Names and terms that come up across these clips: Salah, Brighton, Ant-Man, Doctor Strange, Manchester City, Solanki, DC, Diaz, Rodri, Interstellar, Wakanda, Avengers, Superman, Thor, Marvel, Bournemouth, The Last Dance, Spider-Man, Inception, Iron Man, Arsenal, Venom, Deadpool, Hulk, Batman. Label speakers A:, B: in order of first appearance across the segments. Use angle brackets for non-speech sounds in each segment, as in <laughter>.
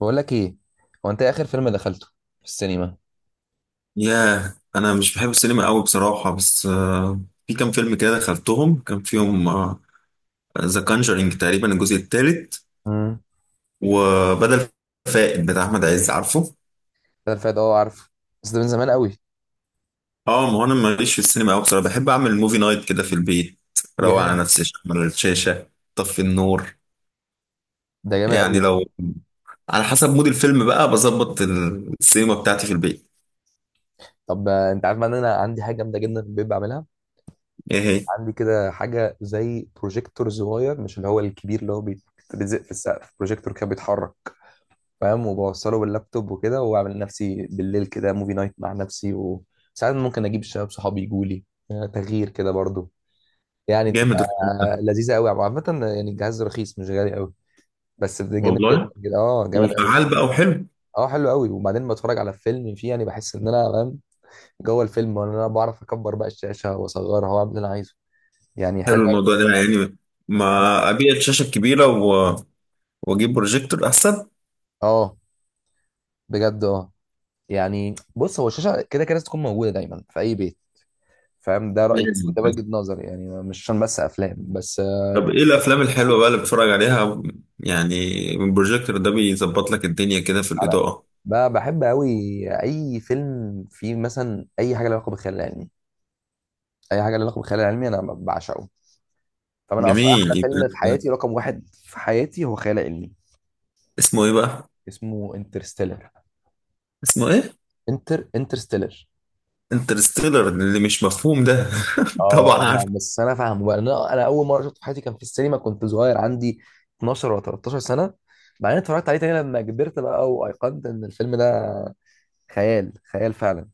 A: بقول لك ايه. هو انت إيه اخر فيلم دخلته في السينما؟
B: ياه، انا مش بحب السينما قوي بصراحه، بس في كام فيلم كده دخلتهم، كان فيهم ذا كانجرينج تقريبا الجزء الثالث
A: امم
B: وبدل فائد بتاع احمد عز، عارفه.
A: ده الفات، اه عارفه، بس ده من زمان قوي.
B: اه، ما هو انا ماليش في السينما قوي بصراحه، بحب اعمل موفي نايت كده في البيت، روق على
A: جامد.
B: نفسي، اشغل الشاشه، طفي النور.
A: ده جامد
B: يعني
A: قوي.
B: لو على حسب مود الفيلم بقى، بظبط السينما بتاعتي في البيت.
A: طب، انت عارف بقى ان انا عندي حاجه جامده جدا في البيت بعملها.
B: ايه هي؟
A: عندي كده حاجه زي بروجيكتور صغير، مش اللي هو الكبير اللي هو بيتلزق في السقف، بروجيكتور كده بيتحرك، فاهم، وبوصله باللابتوب وكده، واعمل لنفسي بالليل كده موفي نايت مع نفسي، وساعات ممكن اجيب الشباب صحابي يجوا لي، تغيير كده برضو. يعني بتبقى
B: جامد الفيلم ده.
A: لذيذه قوي عامه. يعني الجهاز رخيص، مش غالي قوي، بس ده جامد جدا
B: والله
A: كده، جامد قوي.
B: وفعال بقى وحلو.
A: اه، حلو قوي. وبعدين بتفرج على فيلم فيه، يعني بحس ان انا فاهم جوه الفيلم، وان انا بعرف اكبر بقى الشاشه واصغرها واعمل اللي انا عايزه. يعني حلو
B: حلو الموضوع
A: أوي.
B: ده، يعني
A: حلو.
B: ما ابيع الشاشه الكبيره و... واجيب بروجيكتور احسن.
A: اه بجد اه. يعني بص، هو الشاشه كده كده لازم تكون موجوده دايما في اي بيت، فاهم؟ ده رايي
B: لازم.
A: وده وجهه نظري، يعني مش عشان بس افلام بس،
B: طب ايه الافلام الحلوه بقى اللي بتتفرج عليها؟ يعني البروجيكتور ده بيظبط لك الدنيا كده في
A: على...
B: الاضاءه.
A: بقى بحب قوي اي فيلم فيه مثلا اي حاجه لها علاقه بالخيال العلمي. اي حاجه لها علاقه بالخيال العلمي انا بعشقه. طب انا اصلا
B: جميل،
A: احلى فيلم في حياتي، رقم واحد في حياتي، هو خيال علمي.
B: اسمه ايه بقى؟
A: اسمه انترستيلر.
B: اسمه ايه؟
A: انترستيلر.
B: انترستيلر اللي مش مفهوم ده. <laughs> طبعا
A: اه
B: عارف.
A: لا، بس انا فاهمه بقى. انا اول مره شفته في حياتي كان في السينما، كنت صغير، عندي 12 ولا 13 سنه. بعدين اتفرجت عليه تاني لما كبرت بقى، وايقنت ان الفيلم ده خيال فعلا.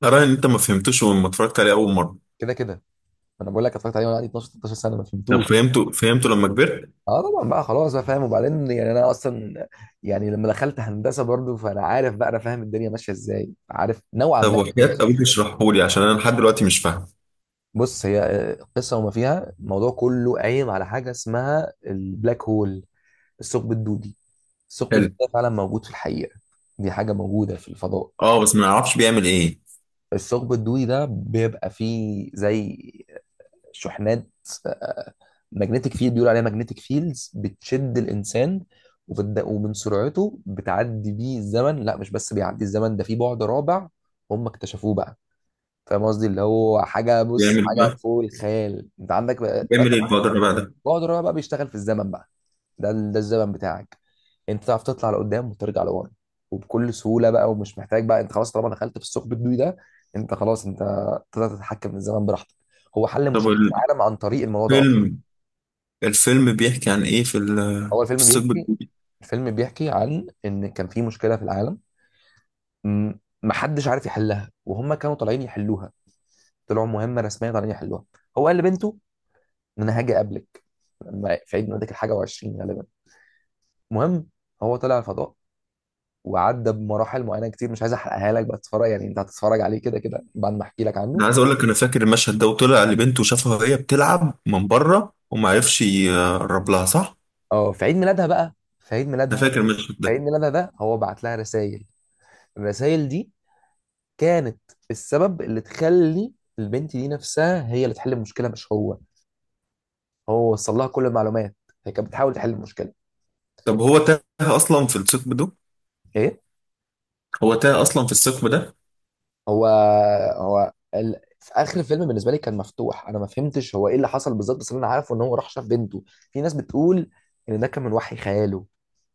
B: ترى ان انت ما فهمتوش لما اتفرجت عليه اول مره؟
A: كده كده انا بقول لك اتفرجت عليه وانا عندي 12، 13 سنه، ما
B: طب
A: فهمتوش.
B: فهمته لما كبرت؟
A: اه طبعا بقى، خلاص بقى فاهم. وبعدين يعني انا اصلا، يعني لما دخلت هندسه برضو، فانا عارف بقى، انا فاهم الدنيا ماشيه ازاي، عارف نوعا
B: طب،
A: ما الدنيا
B: وحياة
A: ماشيه
B: ابوك
A: ازاي.
B: اشرحه لي، عشان انا لحد دلوقتي مش فاهم.
A: بص، هي قصة، وما فيها. الموضوع كله قايم على حاجة اسمها البلاك هول، الثقب الدودي. الثقب
B: حلو.
A: الدودي ده فعلا موجود في الحقيقة، دي حاجة موجودة في الفضاء.
B: اه، بس ما اعرفش بيعمل ايه.
A: الثقب الدودي ده بيبقى فيه زي شحنات، ماجنتيك فيلد، بيقول عليها ماجنتيك فيلدز، بتشد الإنسان ومن سرعته بتعدي بيه الزمن. لا، مش بس بيعدي الزمن، ده في بعد رابع هم اكتشفوه بقى. فاهم قصدي؟ اللي هو حاجة، بص،
B: بيعمل ايه
A: حاجة
B: بقى؟
A: فوق الخيال. انت عندك
B: بيعمل ايه البقدر بقى ده؟
A: بعد الرابع بقى، بيشتغل في الزمن بقى. ده الزمن بتاعك، انت تعرف تطلع لقدام وترجع لورا، وبكل سهوله بقى، ومش محتاج بقى. انت خلاص طالما دخلت في الثقب الدوي ده، انت خلاص، انت تقدر تتحكم في الزمن براحتك. هو حل
B: طب
A: مشكله العالم عن طريق الموضوع ده اصلا.
B: الفيلم، الفيلم بيحكي عن ايه في
A: هو
B: في
A: الفيلم
B: الثقب
A: بيحكي
B: الجديد؟
A: الفيلم بيحكي عن ان كان في مشكله في العالم، م- محدش عارف يحلها، وهم كانوا طالعين يحلوها. طلعوا مهمه رسميه طالعين يحلوها. هو قال لبنته ان انا هاجي اقابلك لما في عيد ميلادك الحاجه و20 غالبا. المهم، هو طلع الفضاء، وعدى بمراحل معينه كتير، مش عايز احرقها لك بقى، تتفرج. يعني انت هتتفرج عليه كده كده بعد ما احكي لك عنه.
B: انا عايز اقول لك انا فاكر المشهد ده، وطلع لبنته وشافها وهي بتلعب من بره وما عرفش يقرب لها، صح؟
A: اه، في عيد ميلادها بقى، في عيد
B: انا
A: ميلادها.
B: فاكر المشهد
A: في
B: ده.
A: عيد ميلادها ده هو بعت لها رسائل. الرسائل دي كانت السبب اللي تخلي البنت دي نفسها هي اللي تحل المشكله، مش هو. هو وصل لها كل المعلومات، هي كانت بتحاول تحل المشكله.
B: طب هو تاه اصلا في الثقب ده؟
A: ايه؟
B: هو تاه اصلا في الثقب ده؟
A: هو هو ال... في اخر الفيلم بالنسبه لي كان مفتوح، انا ما فهمتش هو ايه اللي حصل بالظبط، بس اللي انا عارفه ان هو راح شاف بنته. في ناس بتقول ان ده كان من وحي خياله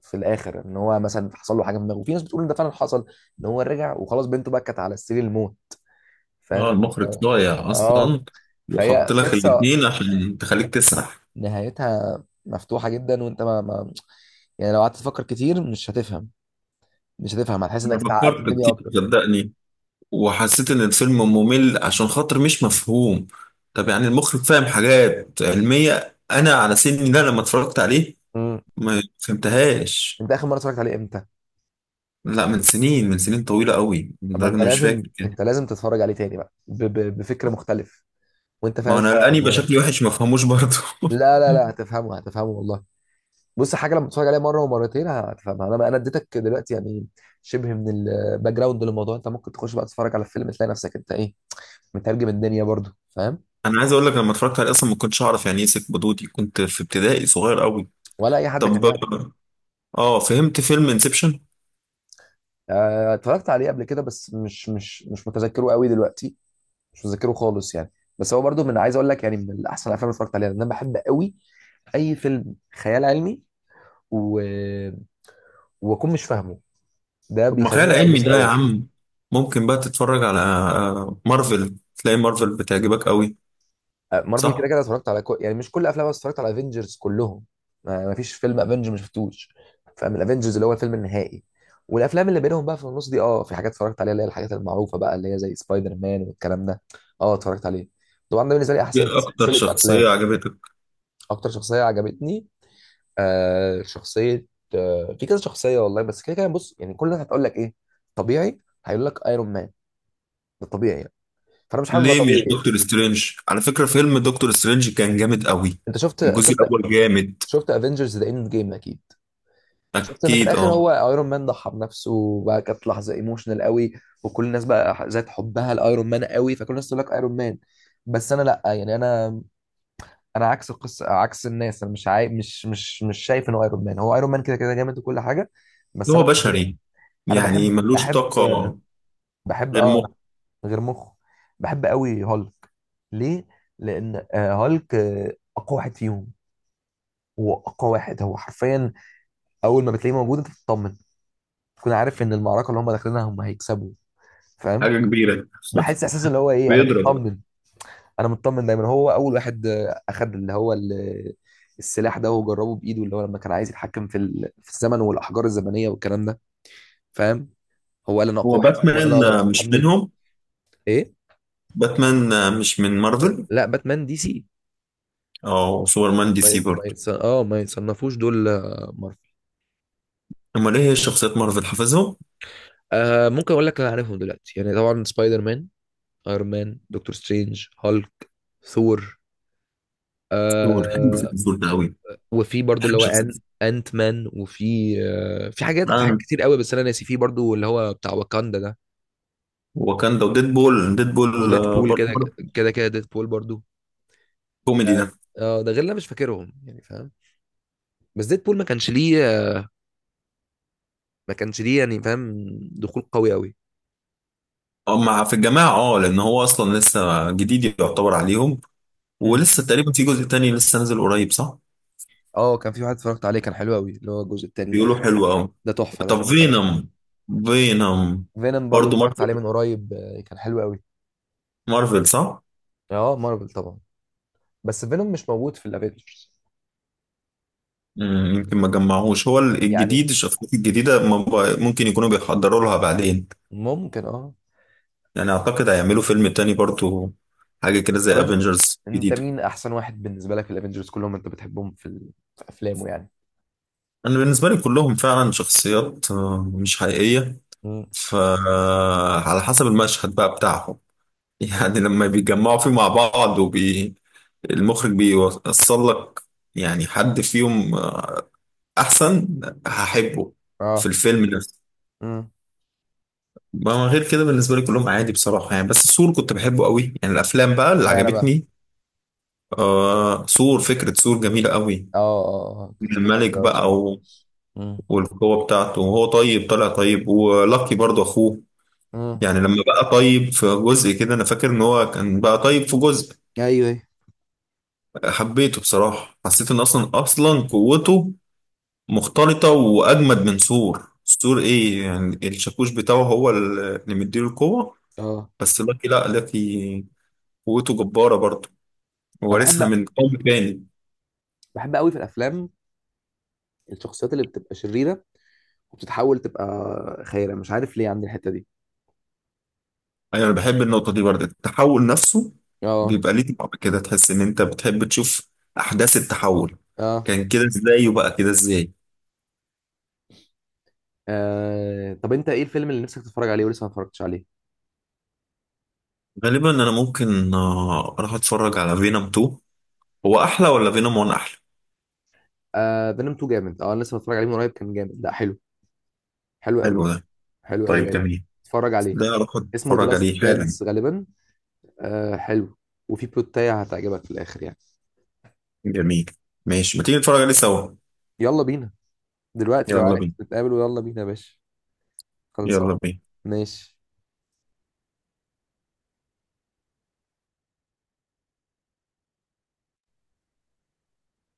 A: في الاخر، ان هو مثلا حصل له حاجه في دماغه، وفي ناس بتقول ان ده فعلا حصل، ان هو رجع وخلاص، بنته بكت على سرير الموت،
B: اه،
A: فاهم؟
B: المخرج ضايع
A: اه،
B: اصلا، وحط
A: فهي
B: لك
A: قصه
B: الاثنين عشان تخليك تسرح.
A: نهايتها مفتوحه جدا. وانت ما, ما يعني لو قعدت تفكر كتير مش هتفهم. هتحس
B: انا
A: انك اتعقدت
B: فكرت
A: الدنيا
B: كتير
A: اكتر.
B: صدقني، وحسيت ان الفيلم ممل عشان خاطر مش مفهوم. طب يعني المخرج فاهم حاجات علمية، انا على سني ده لما اتفرجت عليه
A: امم
B: ما فهمتهاش.
A: انت اخر مره اتفرجت عليه امتى؟
B: لا، من سنين، من سنين طويلة قوي،
A: طب ما
B: لدرجة
A: انت
B: اني مش
A: لازم،
B: فاكر كده.
A: تتفرج عليه تاني بقى ب... بفكر مختلف، وانت
B: ما
A: فاهم
B: انا
A: شويه على
B: الاني يبقى
A: الموضوع ده.
B: شكلي وحش ما فهموش برضه.
A: لا، هتفهمه، والله. بص، حاجه لما تتفرج عليها مره ومرتين هتفهمها. انا اديتك دلوقتي يعني شبه من الباك جراوند للموضوع. انت ممكن تخش بقى تتفرج على الفيلم، تلاقي نفسك انت ايه، مترجم الدنيا برضو، فاهم.
B: <laughs> انا عايز اقول لك لما اتفرجت عليه اصلا ما كنتش اعرف يعني ايه سيف بدودي، كنت في ابتدائي صغير قوي.
A: ولا اي حد كان
B: طب
A: يعرف.
B: اه، فهمت فيلم انسبشن؟
A: اتفرجت عليه قبل كده، بس مش متذكره قوي دلوقتي، مش متذكره خالص يعني. بس هو برضو من، عايز اقول لك، يعني من احسن الافلام اللي اتفرجت عليها، لان انا بحب قوي اي فيلم خيال علمي. و... واكون مش فاهمه، ده
B: طب ما
A: بيخليني
B: خيال علمي
A: اتبسط
B: ده يا
A: قوي.
B: عم، ممكن بقى تتفرج على مارفل، تلاقي مارفل بتعجبك قوي.
A: مارفل كده
B: صح.
A: كده اتفرجت على كل... يعني مش كل افلامها، بس اتفرجت على افنجرز كلهم. ما فيش فيلم افنجر ما شفتوش، فاهم؟ الافنجرز اللي هو الفيلم النهائي، والافلام اللي بينهم بقى في النص دي، اه في حاجات اتفرجت عليها، اللي هي الحاجات المعروفه بقى، اللي هي زي سبايدر مان والكلام ده، اه اتفرجت عليه طبعا. ده بالنسبه لي احسن
B: ايه اكتر
A: سلسله
B: شخصية
A: افلام.
B: عجبتك؟
A: اكتر شخصيه عجبتني، شخصيه، في كذا شخصيه والله. بس كده كده، بص، يعني كل الناس هتقول لك ايه، طبيعي، هيقول لك ايرون مان. ده طبيعي يعني. فانا مش حابب
B: ليه
A: أبقى
B: مش
A: طبيعي.
B: دكتور سترينج؟ على فكرة فيلم دكتور سترينج كان جامد قوي.
A: انت
B: الجزء
A: شفت،
B: الاول جامد.
A: شفت افنجرز ذا اند جيم اكيد. شفت ان في
B: اكيد،
A: الاخر
B: اه.
A: هو ايرون مان ضحى بنفسه وبقى، كانت لحظه ايموشنال قوي، وكل الناس بقى ذات حبها لايرون مان قوي، فكل الناس تقول لك ايرون مان. بس انا لا، يعني انا، انا عكس القصه، عكس الناس. انا مش عاي... مش شايف انه ايرون مان، هو ايرون مان كده كده جامد وكل حاجه،
B: إن
A: بس
B: هو
A: انا بالنسبه لي،
B: بشري
A: انا
B: يعني ملوش طاقة.
A: بحب،
B: غير
A: اه أنا
B: مخ.
A: غير مخه، بحب قوي هالك. ليه؟ لان هالك اقوى واحد فيهم. هو اقوى واحد، هو حرفيا اول ما بتلاقيه موجود، انت بتطمن، تكون عارف ان المعركه اللي هم داخلينها هم هيكسبوا، فاهم.
B: حاجة كبيرة.
A: بحس احساس اللي هو
B: <laughs>
A: ايه، انا
B: بيضرب.
A: مطمن. انا مطمن دايما. هو اول واحد اخد اللي هو السلاح ده وجربه بايده، اللي هو لما كان عايز يتحكم في في الزمن والاحجار الزمنيه والكلام ده، فاهم. هو قال انا اقوى
B: هو
A: واحد وانا اللي
B: باتمان
A: اقدر
B: مش
A: اتحمل.
B: منهم؟
A: ايه؟
B: باتمان مش من مارفل؟
A: لا، باتمان دي سي.
B: او سوبرمان دي
A: ما ي-
B: سي
A: ما
B: برضه.
A: يتص... اه ما يتصنفوش دول مارفل.
B: امال ايه هي شخصيات مارفل حافظهم؟
A: آه، ممكن اقول لك انا عارفهم دلوقتي يعني، طبعا سبايدر مان، ايرون مان، دكتور سترينج، هالك، ثور،
B: دكتور حلو في
A: آه.
B: الدور ده قوي.
A: وفي برضو اللي
B: بحب
A: هو
B: شخصية
A: انت مان. وفي في حاجات،
B: سوبرمان،
A: كتير قوي، بس انا ناسي. في برضو اللي هو بتاع واكاندا ده،
B: واكاندا، وديدبول. ديدبول
A: وديت بول
B: برضه
A: كده
B: برضه
A: كده كده، ديت بول برضو. اه.
B: كوميدي.
A: ده غير اللي أنا مش فاكرهم يعني، فاهم. بس ديت بول ما كانش ليه، يعني فاهم، دخول قوي قوي.
B: اه، مع في الجماعة، اه، لأن هو أصلا لسه جديد يعتبر عليهم.
A: امم
B: ولسه تقريبا في جزء تاني لسه نازل قريب، صح؟
A: اه، كان في واحد اتفرجت عليه كان حلو قوي، اللي هو الجزء التاني
B: بيقولوا
A: الاخير.
B: حلو أوي.
A: ده تحفه، ده
B: طب
A: اتفرجت عليه كمان.
B: فينوم؟ فينوم
A: فينوم برضو
B: برضه
A: اتفرجت عليه
B: مارفل،
A: من قريب، كان حلو قوي.
B: مارفل صح؟
A: اه، مارفل طبعا. بس فينوم مش موجود في الافينجرز.
B: مم، يمكن ما جمعوش هو
A: يعني
B: الجديد، الشخصيات الجديدة ما ب- ممكن يكونوا بيحضروا لها بعدين.
A: ممكن، اه.
B: يعني أعتقد هيعملوا فيلم تاني برضه، حاجة كده
A: طب
B: زي
A: انت،
B: افنجرز جديدة.
A: مين احسن واحد بالنسبه لك في الافنجرز كلهم انت بتحبهم ال... في افلامه يعني.
B: أنا بالنسبة لي كلهم فعلا شخصيات مش حقيقية.
A: مم.
B: فعلى حسب المشهد بقى بتاعهم، يعني لما بيتجمعوا فيه مع بعض وبي، المخرج بيوصل لك يعني حد فيهم احسن هحبه في
A: اه.
B: الفيلم نفسه.
A: مم.
B: ما غير كده بالنسبه لي كلهم عادي بصراحه، يعني بس سور كنت بحبه قوي، يعني الافلام بقى اللي
A: اشمعنى بقى؟
B: عجبتني. آه، سور، فكره سور جميله قوي.
A: اه اه، اه كانت فترة
B: الملك
A: حلوة أوي
B: بقى
A: بصراحة.
B: و...
A: مم.
B: والقوه بتاعته، وهو طيب، طلع طيب، ولاكي برضه اخوه.
A: امم
B: يعني لما بقى طيب في جزء كده، انا فاكر ان هو كان بقى طيب في جزء،
A: ايوه ايوه.
B: حبيته بصراحة، حسيت ان اصلا اصلا قوته مختلطة واجمد من سور. سور ايه يعني؟ الشاكوش بتاعه هو اللي مديله القوة.
A: اه،
B: بس لاكي، لا، لاكي قوته جبارة برضه،
A: انا
B: وورثها من قوم تاني.
A: بحب قوي في الافلام الشخصيات اللي بتبقى شريره وبتتحول تبقى خيره، مش عارف ليه عندي الحته دي.
B: ايوه، انا بحب النقطة دي برضه، التحول نفسه
A: اه.
B: بيبقى ليه طعم كده، تحس ان انت بتحب تشوف احداث التحول،
A: اه.
B: كان كده ازاي وبقى كده ازاي.
A: طب انت ايه الفيلم اللي نفسك تتفرج عليه ولسه ما اتفرجتش عليه؟
B: غالبا انا ممكن اروح اتفرج على فينوم 2. هو احلى ولا فينوم 1 احلى؟
A: فينوم 2 جامد، اه، أنا لسه متفرج عليه من قريب، كان جامد، لا حلو، حلو قوي،
B: حلو ده؟
A: حلو
B: طيب
A: قوي قوي.
B: جميل،
A: اتفرج عليه،
B: ده اروح
A: اسمه ذا
B: اتفرج
A: لاست
B: عليه حالا.
A: دانس غالبا. آه حلو. وفي بلوتاية هتعجبك في الاخر يعني.
B: جميل. ماشي، ما تيجي نتفرج عليه سوا.
A: يلا بينا دلوقتي لو
B: يلا
A: عايز
B: بينا.
A: نتقابل، ويلا بينا يا باشا. خلصان.
B: يلا بينا.
A: ماشي.